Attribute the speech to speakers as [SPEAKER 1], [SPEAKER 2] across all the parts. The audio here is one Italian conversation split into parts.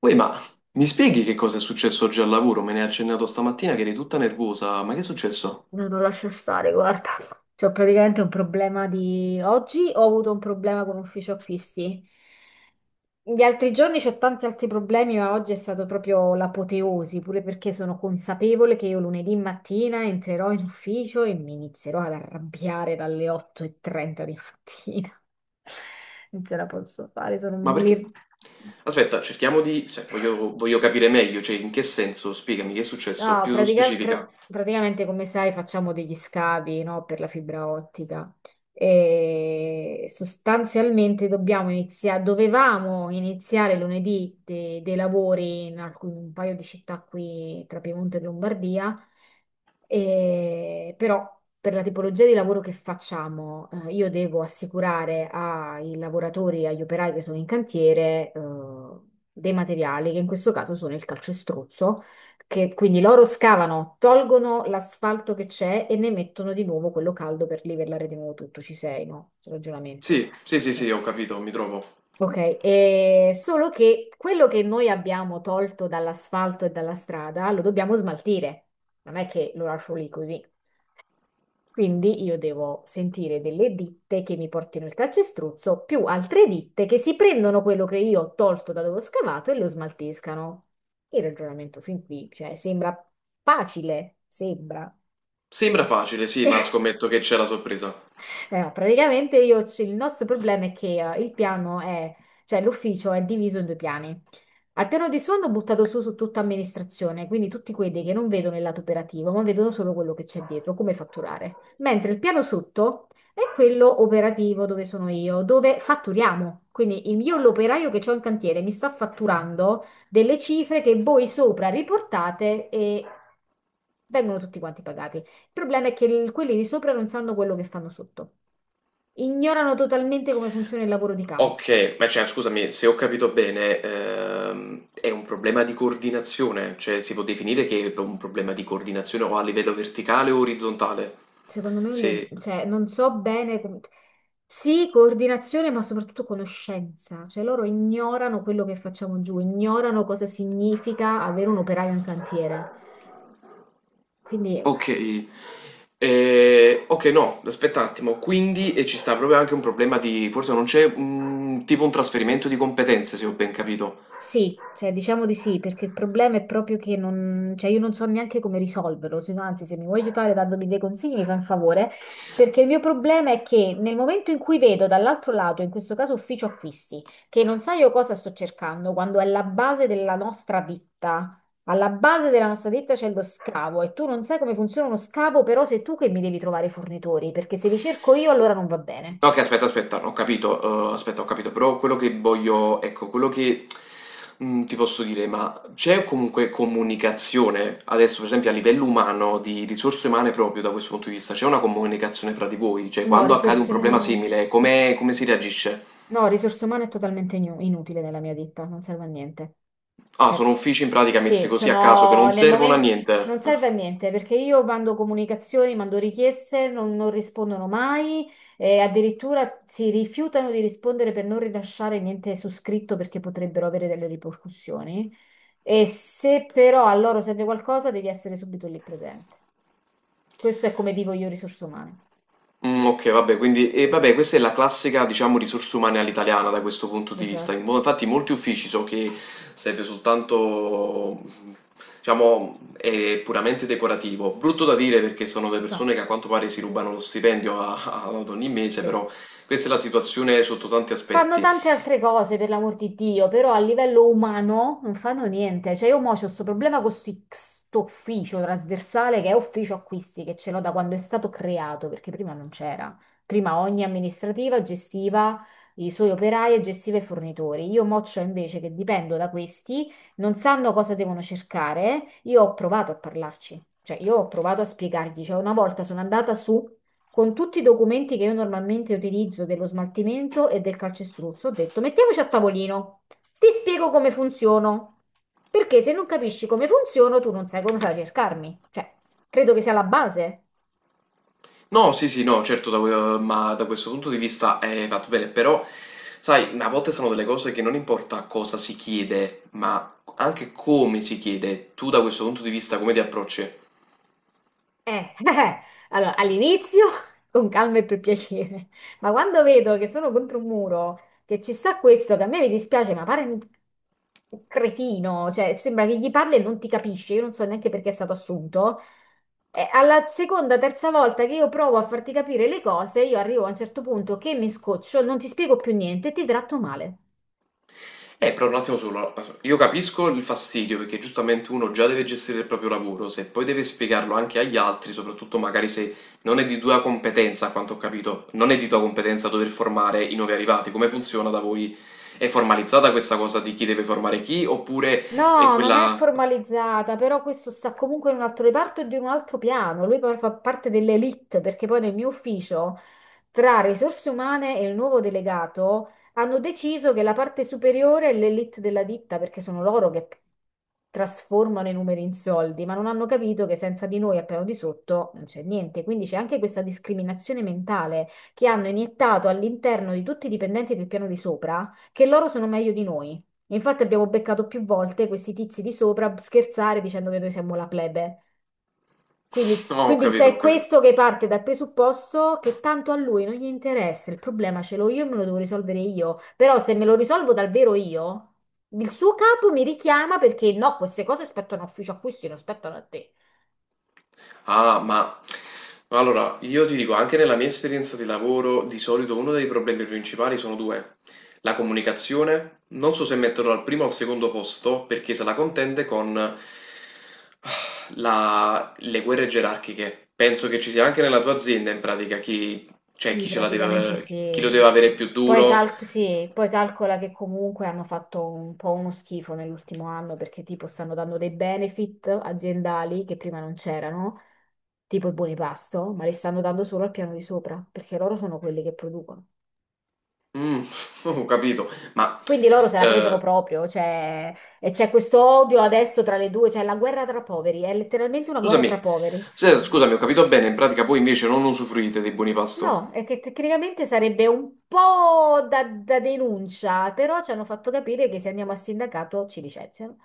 [SPEAKER 1] Uè, ma mi spieghi che cosa è successo oggi al lavoro? Me ne hai accennato stamattina che eri tutta nervosa. Ma che è successo?
[SPEAKER 2] No, non lascia stare, guarda. C'ho praticamente un problema di... Oggi ho avuto un problema con ufficio acquisti. Gli altri giorni c'ho tanti altri problemi, ma oggi è stato proprio l'apoteosi, pure perché sono consapevole che io lunedì mattina entrerò in ufficio e mi inizierò ad arrabbiare dalle 8:30 di mattina. Non ce la posso fare,
[SPEAKER 1] Ma
[SPEAKER 2] sono
[SPEAKER 1] perché?
[SPEAKER 2] lì.
[SPEAKER 1] Aspetta, cerchiamo di... cioè, voglio capire meglio, cioè, in che senso? Spiegami che è successo,
[SPEAKER 2] No,
[SPEAKER 1] più
[SPEAKER 2] pratica- pra-
[SPEAKER 1] specifica.
[SPEAKER 2] praticamente come sai facciamo degli scavi, no, per la fibra ottica e sostanzialmente dobbiamo iniziare, dovevamo iniziare lunedì dei lavori in un paio di città qui tra Piemonte e Lombardia, però per la tipologia di lavoro che facciamo, io devo assicurare ai lavoratori, agli operai che sono in cantiere, dei materiali che in questo caso sono il calcestruzzo che, quindi loro scavano, tolgono l'asfalto che c'è e ne mettono di nuovo quello caldo per livellare di nuovo tutto. Ci sei, no? C'è ragionamento.
[SPEAKER 1] Sì, sì, sì,
[SPEAKER 2] Ok.
[SPEAKER 1] sì, ho capito, mi trovo.
[SPEAKER 2] Ok, solo che quello che noi abbiamo tolto dall'asfalto e dalla strada lo dobbiamo smaltire. Non è che lo lascio lì così. Quindi io devo sentire delle ditte che mi portino il calcestruzzo più altre ditte che si prendono quello che io ho tolto da dove ho scavato e lo smaltiscano. Il ragionamento fin qui, cioè, sembra facile, sembra.
[SPEAKER 1] Sembra facile, sì,
[SPEAKER 2] Sì.
[SPEAKER 1] ma scommetto che c'è la sorpresa.
[SPEAKER 2] No, praticamente il nostro problema è che il piano è, cioè l'ufficio è diviso in due piani. Al piano di su hanno buttato su tutta amministrazione, quindi tutti quelli che non vedono il lato operativo, ma vedono solo quello che c'è dietro, come fatturare. Mentre il piano sotto è quello operativo dove sono io, dove fatturiamo. Quindi io, l'operaio che ho in cantiere, mi sta fatturando delle cifre che voi sopra riportate e vengono tutti quanti pagati. Il problema è che quelli di sopra non sanno quello che fanno sotto, ignorano totalmente come funziona il lavoro di campo.
[SPEAKER 1] Ok, ma cioè, scusami, se ho capito bene, è un problema di coordinazione, cioè si può definire che è un problema di coordinazione o a livello verticale o orizzontale.
[SPEAKER 2] Secondo me, è un
[SPEAKER 1] Se...
[SPEAKER 2] cioè, non so bene come... Sì, coordinazione, ma soprattutto conoscenza. Cioè, loro ignorano quello che facciamo giù, ignorano cosa significa avere un operaio in cantiere. Quindi
[SPEAKER 1] Ok. Ok, no, aspetta un attimo. Quindi ci sta proprio anche un problema di, forse non c'è un tipo un trasferimento di competenze, se ho ben capito.
[SPEAKER 2] sì, cioè diciamo di sì, perché il problema è proprio che non, cioè io non so neanche come risolverlo, se no, anzi se mi vuoi aiutare dandomi dei consigli mi fai un favore, perché il mio problema è che nel momento in cui vedo dall'altro lato, in questo caso ufficio acquisti, che non sa io cosa sto cercando, quando è la base della nostra ditta, alla base della nostra ditta c'è lo scavo e tu non sai come funziona uno scavo, però sei tu che mi devi trovare i fornitori, perché se li cerco io allora non va bene.
[SPEAKER 1] Ok, aspetta, ho capito, aspetta, ho capito, però quello che voglio, ecco, quello che ti posso dire, ma c'è comunque comunicazione, adesso per esempio a livello umano, di risorse umane proprio da questo punto di vista, c'è una comunicazione fra di voi, cioè
[SPEAKER 2] No,
[SPEAKER 1] quando accade un
[SPEAKER 2] risorse...
[SPEAKER 1] problema simile, come si reagisce?
[SPEAKER 2] No, risorse umane è totalmente inutile nella mia ditta, non serve a niente.
[SPEAKER 1] Ah,
[SPEAKER 2] Cioè,
[SPEAKER 1] sono uffici in pratica messi
[SPEAKER 2] sì,
[SPEAKER 1] così a caso che non
[SPEAKER 2] sono nel
[SPEAKER 1] servono a
[SPEAKER 2] momento... Non
[SPEAKER 1] niente.
[SPEAKER 2] serve a niente perché io mando comunicazioni, mando richieste, non rispondono mai e addirittura si rifiutano di rispondere per non rilasciare niente su scritto perché potrebbero avere delle ripercussioni. E se però a loro serve qualcosa, devi essere subito lì presente. Questo è come vivo io risorse umane.
[SPEAKER 1] Mm, ok, vabbè, quindi e vabbè, questa è la classica, diciamo, risorse umane all'italiana da questo punto di vista.
[SPEAKER 2] Esatto.
[SPEAKER 1] Infatti, molti uffici so che serve soltanto, diciamo, è puramente decorativo. Brutto da dire perché sono delle
[SPEAKER 2] No,
[SPEAKER 1] persone che a quanto pare si rubano lo stipendio ad ogni mese,
[SPEAKER 2] sì.
[SPEAKER 1] però questa è la situazione sotto tanti
[SPEAKER 2] Fanno
[SPEAKER 1] aspetti.
[SPEAKER 2] tante altre cose, per l'amor di Dio, però a livello umano non fanno niente. Cioè, io mo c'ho questo problema con questo ufficio trasversale che è ufficio acquisti, che ce l'ho da quando è stato creato, perché prima non c'era. Prima ogni amministrativa gestiva i suoi operai e gestiva i fornitori. Io mo c'ho invece che dipendo da questi, non sanno cosa devono cercare. Io ho provato a parlarci, cioè io ho provato a spiegargli. Cioè, una volta sono andata su con tutti i documenti che io normalmente utilizzo dello smaltimento e del calcestruzzo, ho detto mettiamoci a tavolino, ti spiego come funziono, perché se non capisci come funziono tu non sai come sai cercarmi, cioè credo che sia la base.
[SPEAKER 1] No, sì, sì, no, certo, ma da questo punto di vista hai fatto bene, però, sai, a volte sono delle cose che non importa cosa si chiede, ma anche come si chiede. Tu da questo punto di vista come ti approcci?
[SPEAKER 2] Eh, allora, all'inizio con calma e per piacere, ma quando vedo che sono contro un muro, che ci sta questo, che a me mi dispiace, ma pare un cretino, cioè sembra che gli parli e non ti capisce, io non so neanche perché è stato assunto, e alla seconda, terza volta che io provo a farti capire le cose, io arrivo a un certo punto che mi scoccio, non ti spiego più niente e ti tratto male.
[SPEAKER 1] Però un attimo solo, io capisco il fastidio perché giustamente uno già deve gestire il proprio lavoro, se poi deve spiegarlo anche agli altri, soprattutto magari se non è di tua competenza, a quanto ho capito, non è di tua competenza dover formare i nuovi arrivati, come funziona da voi? È formalizzata questa cosa di chi deve formare chi, oppure è
[SPEAKER 2] No, non è
[SPEAKER 1] quella... Ok.
[SPEAKER 2] formalizzata, però questo sta comunque in un altro reparto e di un altro piano. Lui poi fa parte dell'elite, perché poi nel mio ufficio, tra risorse umane e il nuovo delegato, hanno deciso che la parte superiore è l'elite della ditta, perché sono loro che trasformano i numeri in soldi, ma non hanno capito che senza di noi al piano di sotto non c'è niente. Quindi c'è anche questa discriminazione mentale che hanno iniettato all'interno di tutti i dipendenti del piano di sopra, che loro sono meglio di noi. Infatti abbiamo beccato più volte questi tizi di sopra scherzare dicendo che noi siamo la plebe. Quindi,
[SPEAKER 1] No, ho
[SPEAKER 2] quindi
[SPEAKER 1] capito, ho
[SPEAKER 2] c'è
[SPEAKER 1] capito.
[SPEAKER 2] questo che parte dal presupposto che tanto a lui non gli interessa, il problema ce l'ho io e me lo devo risolvere io. Però se me lo risolvo davvero io, il suo capo mi richiama perché no, queste cose spettano a ufficio a cui si non spettano a te.
[SPEAKER 1] Ah, ma allora io ti dico, anche nella mia esperienza di lavoro, di solito uno dei problemi principali sono due. La comunicazione, non so se metterlo al primo o al secondo posto, perché se la contende con la- le guerre gerarchiche. Penso che ci sia anche nella tua azienda, in pratica, chi, cioè,
[SPEAKER 2] Sì,
[SPEAKER 1] chi ce la
[SPEAKER 2] praticamente
[SPEAKER 1] deve, chi lo
[SPEAKER 2] sì.
[SPEAKER 1] deve avere più
[SPEAKER 2] Poi,
[SPEAKER 1] duro.
[SPEAKER 2] sì, poi calcola che comunque hanno fatto un po' uno schifo nell'ultimo anno perché tipo stanno dando dei benefit aziendali che prima non c'erano, tipo i buoni pasto, ma li stanno dando solo al piano di sopra perché loro sono quelli che producono.
[SPEAKER 1] Mm, ho capito, ma
[SPEAKER 2] Quindi loro se la credono
[SPEAKER 1] eh,
[SPEAKER 2] proprio, cioè, e c'è questo odio adesso tra le due, cioè la guerra tra poveri, è letteralmente una guerra tra
[SPEAKER 1] scusami,
[SPEAKER 2] poveri.
[SPEAKER 1] scusami, ho capito bene, in pratica voi invece non usufruite dei buoni pasto.
[SPEAKER 2] No, è che tecnicamente sarebbe un po' da denuncia, però ci hanno fatto capire che se andiamo a sindacato ci licenziano.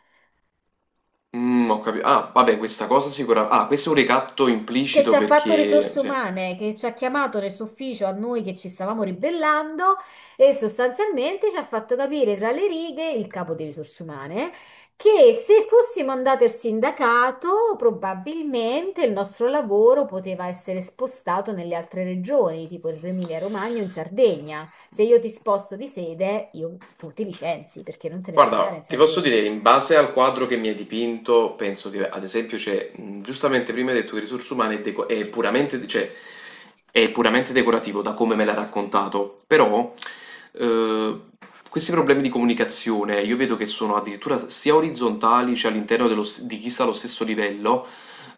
[SPEAKER 1] Mm, ho capito. Ah, vabbè, questa cosa sicuramente. Ah, questo è un ricatto
[SPEAKER 2] Che ci
[SPEAKER 1] implicito
[SPEAKER 2] ha fatto
[SPEAKER 1] perché.
[SPEAKER 2] risorse
[SPEAKER 1] Sì.
[SPEAKER 2] umane, che ci ha chiamato nel suo ufficio a noi che ci stavamo ribellando e sostanzialmente ci ha fatto capire tra le righe il capo di risorse umane che se fossimo andati al sindacato probabilmente il nostro lavoro poteva essere spostato nelle altre regioni, tipo in Emilia-Romagna o in Sardegna. Se io ti sposto di sede, io, tu ti licenzi perché non te ne puoi andare in
[SPEAKER 1] Guarda, ti posso
[SPEAKER 2] Sardegna.
[SPEAKER 1] dire, in base al quadro che mi hai dipinto, penso che ad esempio c'è, giustamente prima hai detto che risorse umane è, è puramente, cioè, è puramente decorativo da come me l'ha raccontato, però eh, questi problemi di comunicazione io vedo che sono addirittura sia orizzontali, cioè all'interno di chi sta allo stesso livello,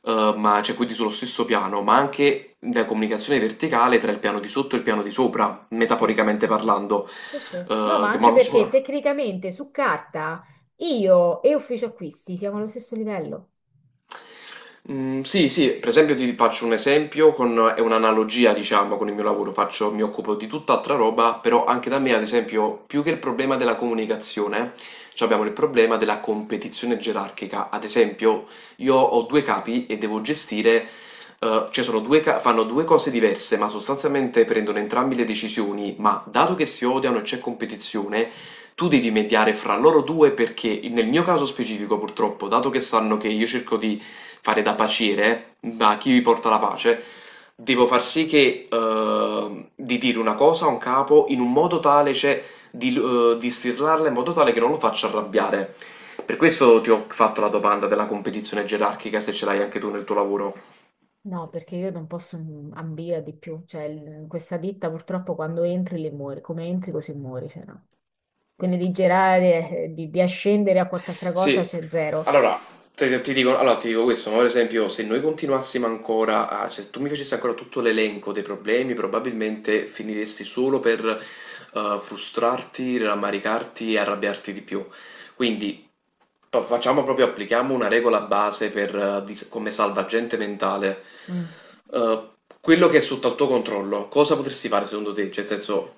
[SPEAKER 1] ma cioè quindi sullo stesso piano, ma anche la comunicazione verticale tra il piano di sotto e il piano di sopra,
[SPEAKER 2] Sì.
[SPEAKER 1] metaforicamente parlando,
[SPEAKER 2] Sì, sì. No, ma
[SPEAKER 1] che mo
[SPEAKER 2] anche
[SPEAKER 1] non
[SPEAKER 2] perché
[SPEAKER 1] so.
[SPEAKER 2] tecnicamente su carta io e ufficio acquisti siamo allo stesso livello.
[SPEAKER 1] Mhmm, sì, sì, per esempio ti faccio un esempio con è un'analogia diciamo con il mio lavoro, faccio mi occupo di tutt'altra roba, però anche da me ad esempio più che il problema della comunicazione, c'abbiamo il problema della competizione gerarchica. Ad esempio io ho 2 capi e devo gestire cioè sono 2 ca fanno 2 cose diverse, ma sostanzialmente prendono entrambi le decisioni, ma dato che si odiano e c'è competizione, tu devi mediare fra loro due perché nel mio caso specifico purtroppo, dato che sanno che io cerco di fare da paciere, da chi vi porta la pace, devo far sì che di dire una cosa a un capo in un modo tale, cioè di stirlarla in modo tale che non lo faccia arrabbiare. Per questo ti ho fatto la domanda della competizione gerarchica, se ce l'hai anche tu nel tuo lavoro.
[SPEAKER 2] No, perché io non posso ambire a di più, cioè questa ditta purtroppo quando entri le muori, come entri così muori, cioè no. Quindi di girare, di ascendere a qualche altra cosa
[SPEAKER 1] Sì,
[SPEAKER 2] c'è zero.
[SPEAKER 1] allora dico, allora, ti dico questo, ma per esempio se noi continuassimo ancora a, cioè, se tu mi facessi ancora tutto l'elenco dei problemi, probabilmente finiresti solo per frustrarti, rammaricarti e arrabbiarti di più. Quindi facciamo proprio, applichiamo una regola base per, come salvagente mentale.
[SPEAKER 2] Mm.
[SPEAKER 1] Eh, quello che è sotto al tuo controllo, cosa potresti fare secondo te? Cioè, nel senso...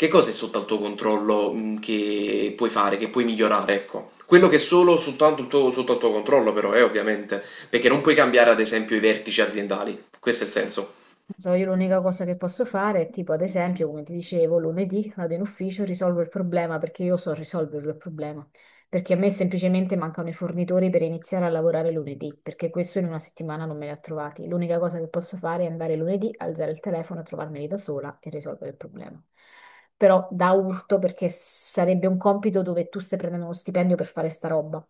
[SPEAKER 1] Che cosa è sotto al tuo controllo, che puoi fare, che puoi migliorare, ecco. Quello che è solo soltanto il tuo sotto al tuo controllo però ovviamente, perché non puoi cambiare ad esempio i vertici aziendali, questo è il senso.
[SPEAKER 2] So, io l'unica cosa che posso fare è tipo, ad esempio, come ti dicevo, lunedì vado in ufficio, risolvo il problema perché io so risolverlo il problema. Perché a me semplicemente mancano i fornitori per iniziare a lavorare lunedì, perché questo in una settimana non me li ha trovati. L'unica cosa che posso fare è andare lunedì, alzare il telefono, trovarmeli da sola e risolvere il problema. Però da urto perché sarebbe un compito dove tu stai prendendo uno stipendio per fare sta roba.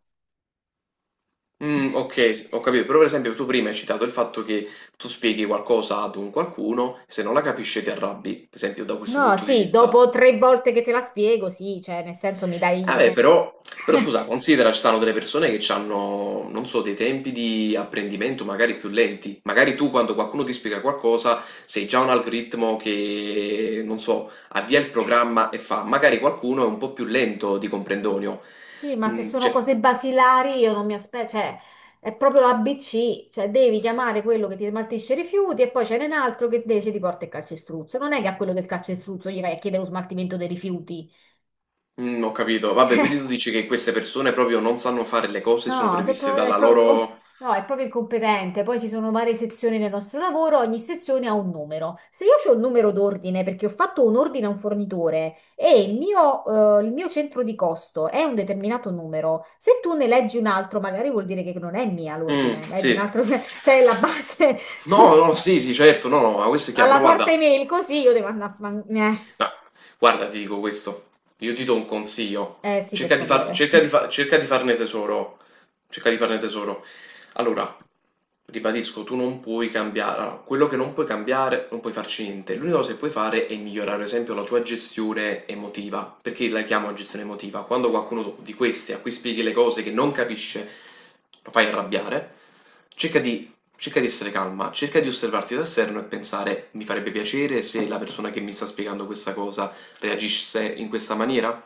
[SPEAKER 1] Mhmm, okay, s ho capito, però per esempio tu prima hai citato il fatto che tu spieghi qualcosa ad un qualcuno, se non la capisce ti arrabbi, per esempio da questo
[SPEAKER 2] No,
[SPEAKER 1] punto di
[SPEAKER 2] sì,
[SPEAKER 1] vista.
[SPEAKER 2] dopo tre volte che te la spiego, sì, cioè, nel senso mi
[SPEAKER 1] Eh
[SPEAKER 2] dai...
[SPEAKER 1] beh,
[SPEAKER 2] cioè,
[SPEAKER 1] però, però scusa, considera ci sono delle persone che hanno, non so, dei tempi di apprendimento magari più lenti. Magari tu quando qualcuno ti spiega qualcosa sei già un algoritmo che, non so, avvia il programma e fa. Magari qualcuno è un po' più lento di comprendonio.
[SPEAKER 2] sì, ma se
[SPEAKER 1] Mm,
[SPEAKER 2] sono
[SPEAKER 1] cioè,
[SPEAKER 2] cose basilari io non mi aspetto, cioè è proprio l'ABC, cioè devi chiamare quello che ti smaltisce i rifiuti e poi c'è un altro che invece ti porta il calcestruzzo. Non è che a quello del calcestruzzo gli vai a chiedere lo smaltimento dei rifiuti.
[SPEAKER 1] ho capito. Vabbè, quindi tu dici che queste persone proprio non sanno fare le cose, sono
[SPEAKER 2] No, se
[SPEAKER 1] previste
[SPEAKER 2] pro- è
[SPEAKER 1] dalla
[SPEAKER 2] pro- opp-
[SPEAKER 1] loro...
[SPEAKER 2] no, è proprio incompetente. Poi ci sono varie sezioni nel nostro lavoro, ogni sezione ha un numero. Se io ho un numero d'ordine perché ho fatto un ordine a un fornitore e il mio centro di costo è un determinato numero, se tu ne leggi un altro, magari vuol dire che non è mia
[SPEAKER 1] Mm,
[SPEAKER 2] l'ordine, ma è di un
[SPEAKER 1] sì.
[SPEAKER 2] altro, cioè è la base.
[SPEAKER 1] No, no, sì, sì, certo, no, no, ma questo è chiaro,
[SPEAKER 2] Alla
[SPEAKER 1] però
[SPEAKER 2] quarta
[SPEAKER 1] guarda.
[SPEAKER 2] email, così io devo andare a...
[SPEAKER 1] No, guarda, ti dico questo, io ti do un consiglio,
[SPEAKER 2] eh sì, per favore.
[SPEAKER 1] cerca di farne tesoro, cerca di farne tesoro. Allora, ribadisco, tu non puoi cambiare, allora, quello che non puoi cambiare, non puoi farci niente. L'unica cosa che puoi fare è migliorare, ad esempio, la tua gestione emotiva. Perché la chiamo gestione emotiva? Quando qualcuno di questi a cui spieghi le cose che non capisce, lo fai arrabbiare, cerca di cerca di essere calma, cerca di osservarti da esterno e pensare: mi farebbe piacere se la persona che mi sta spiegando questa cosa reagisse in questa maniera?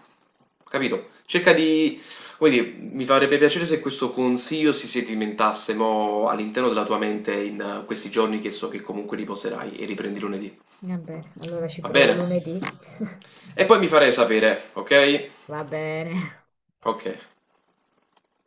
[SPEAKER 1] Capito? Cerca di, come dire, mi farebbe piacere se questo consiglio si sedimentasse mo all'interno della tua mente in questi giorni che so che comunque riposerai e riprendi lunedì.
[SPEAKER 2] Va bene, allora ci
[SPEAKER 1] Va
[SPEAKER 2] provo
[SPEAKER 1] bene?
[SPEAKER 2] lunedì.
[SPEAKER 1] E poi mi farei sapere, ok?
[SPEAKER 2] Va bene.
[SPEAKER 1] Ok.